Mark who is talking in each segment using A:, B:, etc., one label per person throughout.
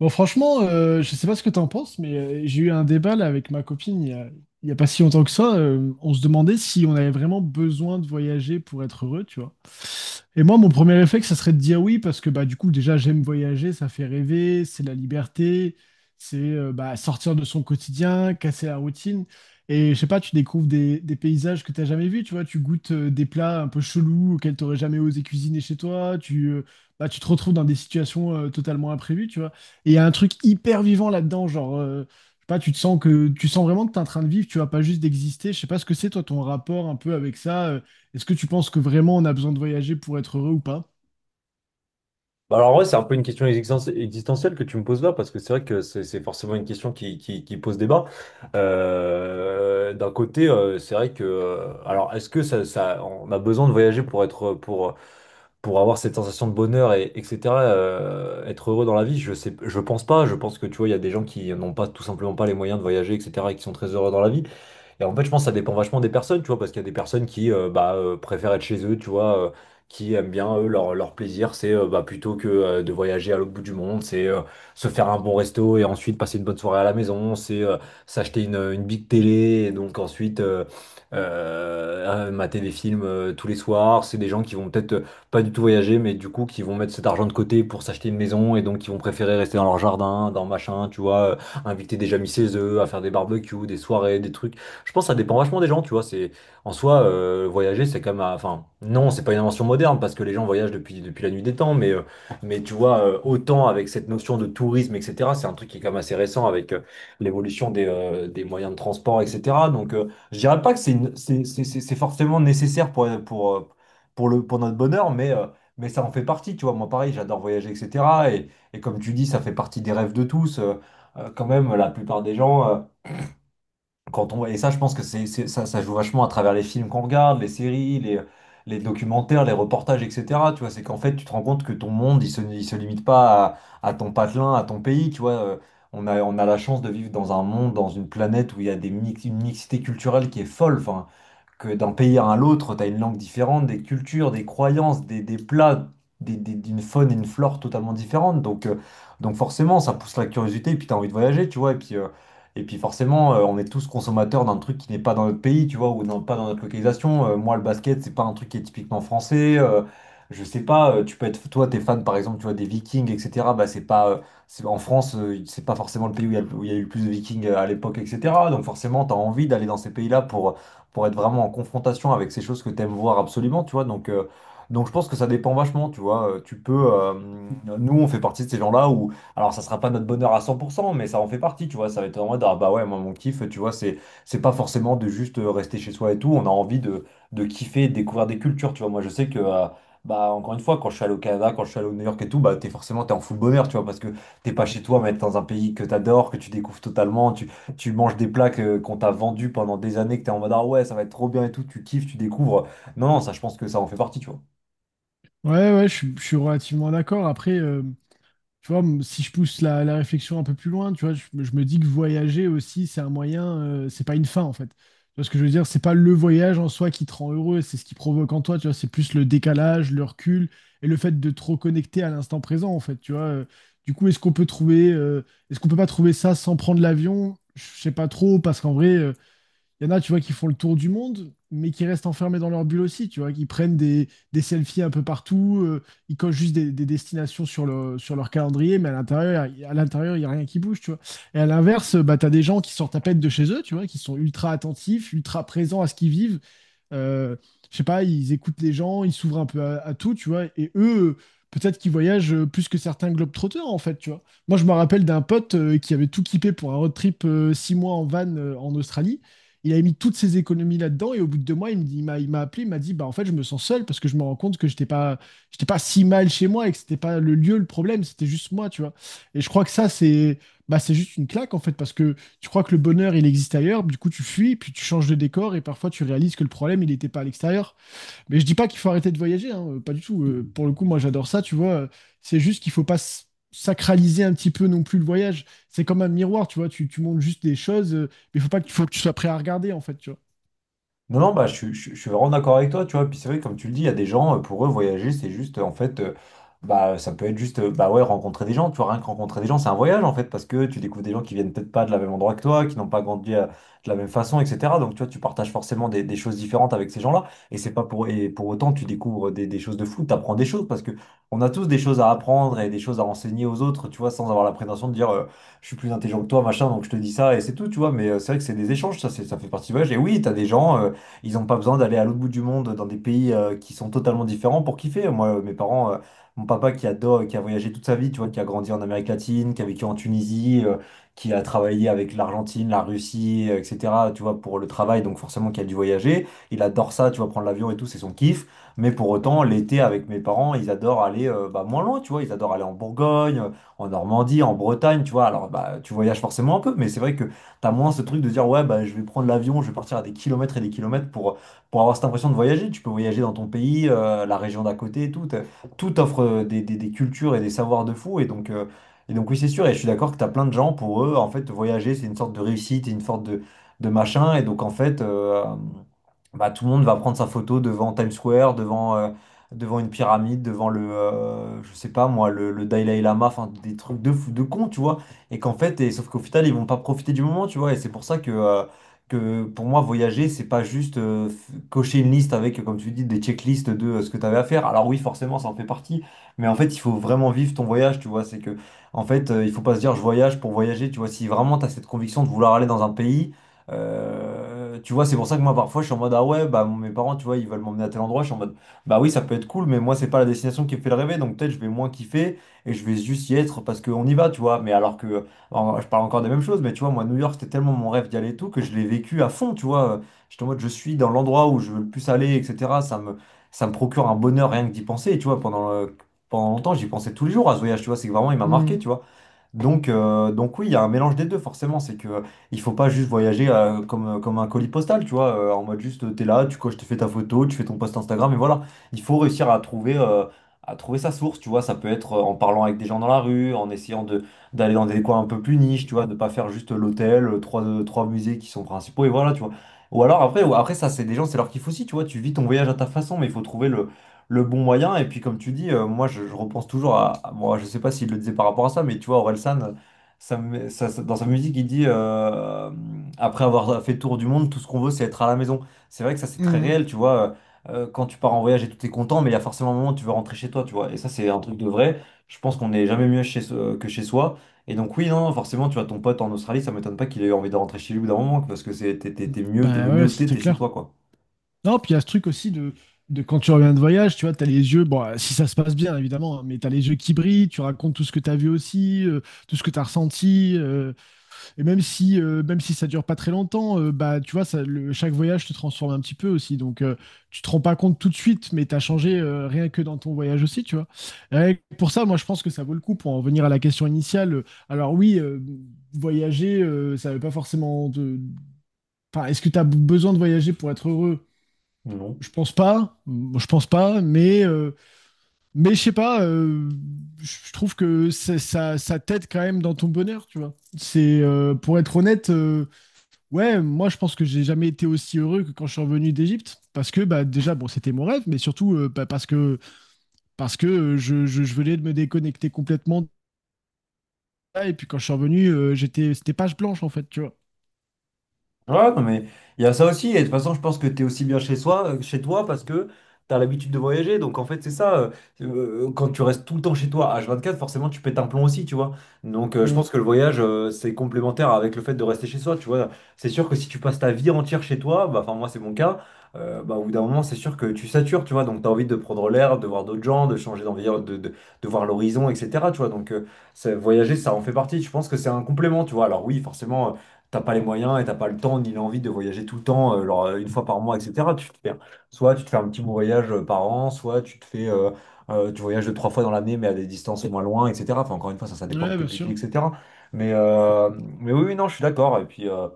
A: Bon, franchement, je sais pas ce que t'en penses, mais j'ai eu un débat là, avec ma copine il y a pas si longtemps que ça. On se demandait si on avait vraiment besoin de voyager pour être heureux, tu vois. Et moi, mon premier réflexe, ça serait de dire oui, parce que bah, du coup, déjà, j'aime voyager, ça fait rêver, c'est la liberté, c'est bah, sortir de son quotidien, casser la routine. Et je sais pas, tu découvres des paysages que tu n'as jamais vus, tu vois, tu goûtes des plats un peu chelous auxquels tu n'aurais jamais osé cuisiner chez toi, bah, tu te retrouves dans des situations totalement imprévues, tu vois. Et il y a un truc hyper vivant là-dedans, genre, je sais pas, tu sens vraiment que tu es en train de vivre, tu vois, pas juste d'exister. Je sais pas ce que c'est, toi, ton rapport un peu avec ça. Est-ce que tu penses que vraiment on a besoin de voyager pour être heureux ou pas?
B: Bah alors, en vrai, c'est un peu une question existentielle que tu me poses là, parce que c'est vrai que c'est forcément une question qui pose débat. D'un côté, c'est vrai que, alors, est-ce que ça, on a besoin de voyager pour pour avoir cette sensation de bonheur et etc. Être heureux dans la vie, je pense pas. Je pense que tu vois, il y a des gens qui n'ont pas tout simplement pas les moyens de voyager, etc. et qui sont très heureux dans la vie. Et en fait, je pense que ça dépend vachement des personnes, tu vois, parce qu'il y a des personnes qui préfèrent être chez eux, tu vois, qui aiment bien, eux, leur plaisir, c'est plutôt que de voyager à l'autre bout du monde, c'est se faire un bon resto et ensuite passer une bonne soirée à la maison, c'est s'acheter une big télé et donc ensuite mater des films tous les soirs. C'est des gens qui vont peut-être pas du tout voyager, mais du coup, qui vont mettre cet argent de côté pour s'acheter une maison et donc qui vont préférer rester dans leur jardin, dans machin, tu vois, inviter des amis chez eux, à faire des barbecues, des soirées, des trucs. Je pense que ça dépend vachement des gens, tu vois. C'est en soi Voyager, c'est comme, enfin non, c'est pas une invention moderne parce que les gens voyagent depuis la nuit des temps, mais tu vois, autant avec cette notion de tourisme, etc. C'est un truc qui est quand même assez récent avec l'évolution des moyens de transport, etc. Donc je dirais pas que c'est une- c'est forcément nécessaire pour le pour notre bonheur, mais ça en fait partie, tu vois. Moi pareil, j'adore voyager, etc. Et comme tu dis, ça fait partie des rêves de tous. Quand même, la plupart des gens. Quand on... Et ça, je pense que ça joue vachement à travers les films qu'on regarde, les séries, les documentaires, les reportages, etc. Tu vois, c'est qu'en fait, tu te rends compte que ton monde, il se limite pas à ton patelin, à ton pays. Tu vois. On a, on a la chance de vivre dans un monde, dans une planète où il y a une mixité culturelle qui est folle. Enfin, que d'un pays à l'autre, tu as une langue différente, des cultures, des croyances, des plats, d'une faune et une flore totalement différentes. Donc forcément, ça pousse la curiosité et puis tu as envie de voyager, tu vois. Et puis forcément, on est tous consommateurs d'un truc qui n'est pas dans notre pays, tu vois, pas dans notre localisation. Moi, le basket, c'est pas un truc qui est typiquement français. Je sais pas, Tu peux être, toi, t'es fan, par exemple, tu vois, des Vikings, etc. C'est, en France, c'est pas forcément le pays où il y a, où il y a eu le plus de Vikings à l'époque, etc. Donc forcément, tu as envie d'aller dans ces pays-là pour être vraiment en confrontation avec ces choses que tu aimes voir absolument, tu vois. Donc je pense que ça dépend vachement, tu vois. Tu peux, nous, on fait partie de ces gens-là où, alors ça sera pas notre bonheur à 100%, mais ça en fait partie, tu vois. Ça va être en mode, ah bah ouais, moi, mon kiff, tu vois, c'est pas forcément de juste rester chez soi et tout. On a envie de kiffer, de découvrir des cultures, tu vois. Moi, je sais que. Bah, encore une fois, quand je suis allé au Canada, quand je suis allé au New York et tout, bah, t'es en full bonheur, tu vois, parce que t'es pas chez toi, mais t'es dans un pays que t'adores, que tu découvres totalement, tu manges des plats qu'on t'a vendus pendant des années, que t'es en mode, ah ouais, ça va être trop bien et tout, tu kiffes, tu découvres. Non, non, ça, je pense que ça en fait partie, tu vois.
A: Ouais, ouais, je suis relativement d'accord. Après, tu vois, si je pousse la réflexion un peu plus loin, tu vois, je me dis que voyager aussi, c'est un moyen, c'est pas une fin en fait. Tu vois ce que je veux dire? C'est pas le voyage en soi qui te rend heureux, c'est ce qui provoque en toi, tu vois, c'est plus le décalage, le recul et le fait de te reconnecter à l'instant présent en fait, tu vois. Du coup, est-ce qu'on peut pas trouver ça sans prendre l'avion? Je sais pas trop, parce qu'en vrai, il y en a, tu vois, qui font le tour du monde, mais qui restent enfermés dans leur bulle aussi, tu vois, qui prennent des selfies un peu partout, ils cochent juste des destinations sur leur calendrier, mais à l'intérieur, à l'intérieur, il n'y a rien qui bouge, tu vois. Et à l'inverse, bah, tu as des gens qui sortent à peine de chez eux, tu vois, qui sont ultra attentifs, ultra présents à ce qu'ils vivent, euh, je sais pas, ils écoutent les gens, ils s'ouvrent un peu à tout, tu vois, et eux, peut-être qu'ils voyagent plus que certains globetrotters, en fait, tu vois. Moi, je me rappelle d'un pote qui avait tout kippé pour un road trip 6 mois en van en Australie. Il avait mis toutes ses économies là-dedans, et au bout de 2 mois, il me dit- il m'a appelé, il m'a dit, bah, en fait, je me sens seul parce que je me rends compte que j'étais pas si mal chez moi et que c'était pas le lieu le problème, c'était juste moi, tu vois. Et je crois que ça, bah, c'est juste une claque, en fait, parce que tu crois que le bonheur, il existe ailleurs, du coup tu fuis, puis tu changes de décor, et parfois tu réalises que le problème, il n'était pas à l'extérieur. Mais je dis pas qu'il faut arrêter de voyager, hein, pas du tout. Pour le coup, moi j'adore ça, tu vois. C'est juste qu'il faut pas sacraliser un petit peu non plus le voyage. C'est comme un miroir, tu vois, tu montres juste des choses, mais faut pas que, faut que tu sois prêt à regarder, en fait, tu vois.
B: Non, non, bah, je suis vraiment d'accord avec toi, tu vois. Puis c'est vrai, comme tu le dis, il y a des gens, pour eux, voyager, c'est juste, ça peut être juste, bah ouais, rencontrer des gens, tu vois, rien que rencontrer des gens, c'est un voyage, en fait, parce que tu découvres des gens qui viennent peut-être pas de la même endroit que toi, qui n'ont pas grandi de la même façon, etc. Donc, tu vois, tu partages forcément des choses différentes avec ces gens-là, et pour autant, tu découvres des choses de fou, tu apprends des choses, parce que on a tous des choses à apprendre et des choses à enseigner aux autres, tu vois, sans avoir la prétention de dire, je suis plus intelligent que toi, machin, donc je te dis ça, et c'est tout, tu vois. Mais c'est vrai que c'est des échanges, ça, ça fait partie du voyage. Et oui, t'as des gens. Ils n'ont pas besoin d'aller à l'autre bout du monde dans des pays qui sont totalement différents pour kiffer. Moi, mes parents, mon papa qui adore, qui a voyagé toute sa vie, tu vois, qui a grandi en Amérique latine, qui a vécu en Tunisie, qui a travaillé avec l'Argentine, la Russie, etc., tu vois, pour le travail, donc forcément qui a dû voyager. Il adore ça, tu vois, prendre l'avion et tout, c'est son kiff. Mais pour autant, l'été avec mes parents, ils adorent aller bah, moins loin, tu vois, ils adorent aller en Bourgogne, en Normandie, en Bretagne, tu vois. Alors, bah, tu voyages forcément un peu, mais c'est vrai que t'as moins ce truc de dire, ouais, bah, je vais prendre l'avion, je vais partir à des kilomètres et des kilomètres pour avoir cette impression de voyager. Tu peux voyager dans ton pays, la région d'à côté, et tout. Tout offre des cultures et des savoirs de fou. Et donc oui, c'est sûr. Et je suis d'accord que t'as plein de gens, pour eux, en fait, voyager, c'est une sorte de réussite, et une sorte de machin. Et donc, en fait, bah, tout le monde va prendre sa photo devant Times Square, devant, devant une pyramide, devant le, je sais pas moi, le Dalai Lama, enfin, des trucs de fou, de con, tu vois, et qu'en fait, sauf qu'au final, ils vont pas profiter du moment, tu vois. Et c'est pour ça que, pour moi, voyager, c'est pas juste cocher une liste avec, comme tu dis, des checklists de ce que tu avais à faire. Alors oui, forcément, ça en fait partie, mais en fait, il faut vraiment vivre ton voyage, tu vois. C'est que, en fait, Il faut pas se dire je voyage pour voyager, tu vois. Si vraiment tu as cette conviction de vouloir aller dans un pays, tu vois, c'est pour ça que moi, parfois, je suis en mode, ah ouais, bah mes parents, tu vois, ils veulent m'emmener à tel endroit, je suis en mode. Bah oui, ça peut être cool, mais moi, c'est pas la destination qui me fait le rêver, donc peut-être je vais moins kiffer et je vais juste y être parce qu'on y va, tu vois. Je parle encore des mêmes choses, mais tu vois, moi, New York, c'était tellement mon rêve d'y aller et tout que je l'ai vécu à fond, tu vois. J'étais en mode, je suis dans l'endroit où je veux le plus aller, etc. Ça me procure un bonheur rien que d'y penser, et tu vois. Pendant longtemps, j'y pensais tous les jours à ce voyage, tu vois. C'est que vraiment, il m'a marqué,
A: Mmh,
B: tu vois. Donc oui, il y a un mélange des deux, forcément. C'est que Il faut pas juste voyager comme un colis postal, tu vois, en mode juste t'es là, tu coches, tu fais ta photo, tu fais ton post Instagram, et voilà. Il faut réussir à trouver sa source, tu vois. Ça peut être en parlant avec des gens dans la rue, en essayant de d'aller dans des coins un peu plus niches, tu vois, de pas faire juste l'hôtel, trois, trois musées qui sont principaux, et voilà, tu vois. Ou alors après, ou après ça, c'est des gens, c'est leur kiff aussi, tu vois. Tu vis ton voyage à ta façon, mais il faut trouver le bon moyen. Et puis, comme tu dis, moi, je repense toujours Bon, je sais pas s'il le disait par rapport à ça, mais tu vois, Orelsan, ça, me- ça- ça- dans sa musique, il dit après avoir fait tour du monde, tout ce qu'on veut, c'est être à la maison. C'est vrai que ça, c'est très
A: mmh.
B: réel, tu vois. Quand tu pars en voyage et tout, t'es content, mais il y a forcément un moment où tu veux rentrer chez toi, tu vois. Et ça, c'est un truc de vrai. Je pense qu'on n'est jamais mieux que chez soi. Et donc, oui, non, forcément, tu vois, ton pote en Australie, ça m'étonne pas qu'il ait eu envie de rentrer chez lui au bout d'un moment, parce que t'es mieux, t'es le
A: Ben
B: mieux
A: ouais,
B: où t'es,
A: c'est
B: t'es chez
A: clair.
B: toi, quoi.
A: Non, puis il y a ce truc aussi de, quand tu reviens de voyage, tu vois, t'as les yeux, bon, si ça se passe bien évidemment, hein, mais t'as les yeux qui brillent, tu racontes tout ce que t'as vu aussi, tout ce que t'as ressenti. Et même si ça dure pas très longtemps, bah, tu vois, chaque voyage te transforme un petit peu aussi. Donc, tu te rends pas compte tout de suite, mais tu as changé rien que dans ton voyage aussi, tu vois. Et pour ça, moi, je pense que ça vaut le coup pour en revenir à la question initiale. Alors, oui, voyager, ça veut pas forcément de. Enfin, est-ce que tu as besoin de voyager pour être heureux?
B: Non.
A: Je pense pas. Moi, je pense pas, mais je sais pas, je trouve que ça t'aide quand même dans ton bonheur, tu vois. Pour être honnête, ouais, moi je pense que j'ai jamais été aussi heureux que quand je suis revenu d'Égypte, parce que bah déjà bon c'était mon rêve, mais surtout bah, parce que je venais de me déconnecter complètement de ça, et puis quand je suis revenu j'étais c'était page blanche en fait, tu vois.
B: Ouais, non, mais il y a ça aussi. Et de toute façon, je pense que tu es aussi bien chez soi, chez toi parce que tu as l'habitude de voyager. Donc, en fait, c'est ça. Quand tu restes tout le temps chez toi, H24, forcément, tu pètes un plomb aussi, tu vois. Donc, je
A: Mm.
B: pense que le voyage, c'est complémentaire avec le fait de rester chez soi, tu vois. C'est sûr que si tu passes ta vie entière chez toi, bah, enfin, moi, c'est mon cas, bah, au bout d'un moment, c'est sûr que tu satures, tu vois. Donc, tu as envie de prendre l'air, de voir d'autres gens, de changer d'environnement, de voir l'horizon, etc., tu vois. Donc, ça- voyager, ça en fait partie. Je pense que c'est un complément, tu vois. Alors, oui, forcément t'as pas les moyens et t'as pas le temps ni l'envie de voyager tout le temps, genre, une fois par mois, etc. Tu te fais, soit tu te fais un petit voyage par an, soit tu te fais, tu voyages deux, trois fois dans l'année, mais à des distances moins loin, etc. Enfin, encore une fois, ça dépend de
A: Ouais,
B: tes
A: bien
B: budgets,
A: sûr.
B: etc. Mais, euh, mais oui, oui, non, je suis d'accord. Et puis,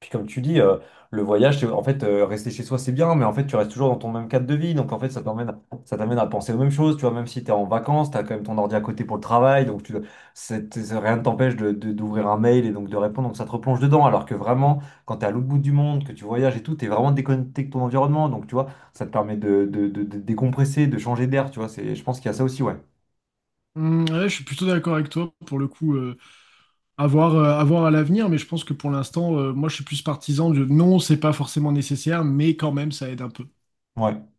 B: puis comme tu dis, le voyage, c'est- en fait, rester chez soi, c'est bien, mais en fait, tu restes toujours dans ton même cadre de vie. Donc, en fait, ça t'emmène, ça t'amène à penser aux mêmes choses. Tu vois, même si tu es en vacances, tu as quand même ton ordi à côté pour le travail. Donc, tu, rien ne t'empêche d'ouvrir un mail et donc de répondre. Donc, ça te replonge dedans. Alors que vraiment, quand tu es à l'autre bout du monde, que tu voyages et tout, tu es vraiment déconnecté de ton environnement. Donc, tu vois, ça te permet de décompresser, de changer d'air. Tu vois, c'est, je pense qu'il y a ça aussi, ouais.
A: Mm, ouais, je suis plutôt d'accord avec toi pour le coup. À voir à l'avenir, mais je pense que pour l'instant, moi je suis plus partisan de non, c'est pas forcément nécessaire, mais quand même ça aide un peu.
B: Ouais.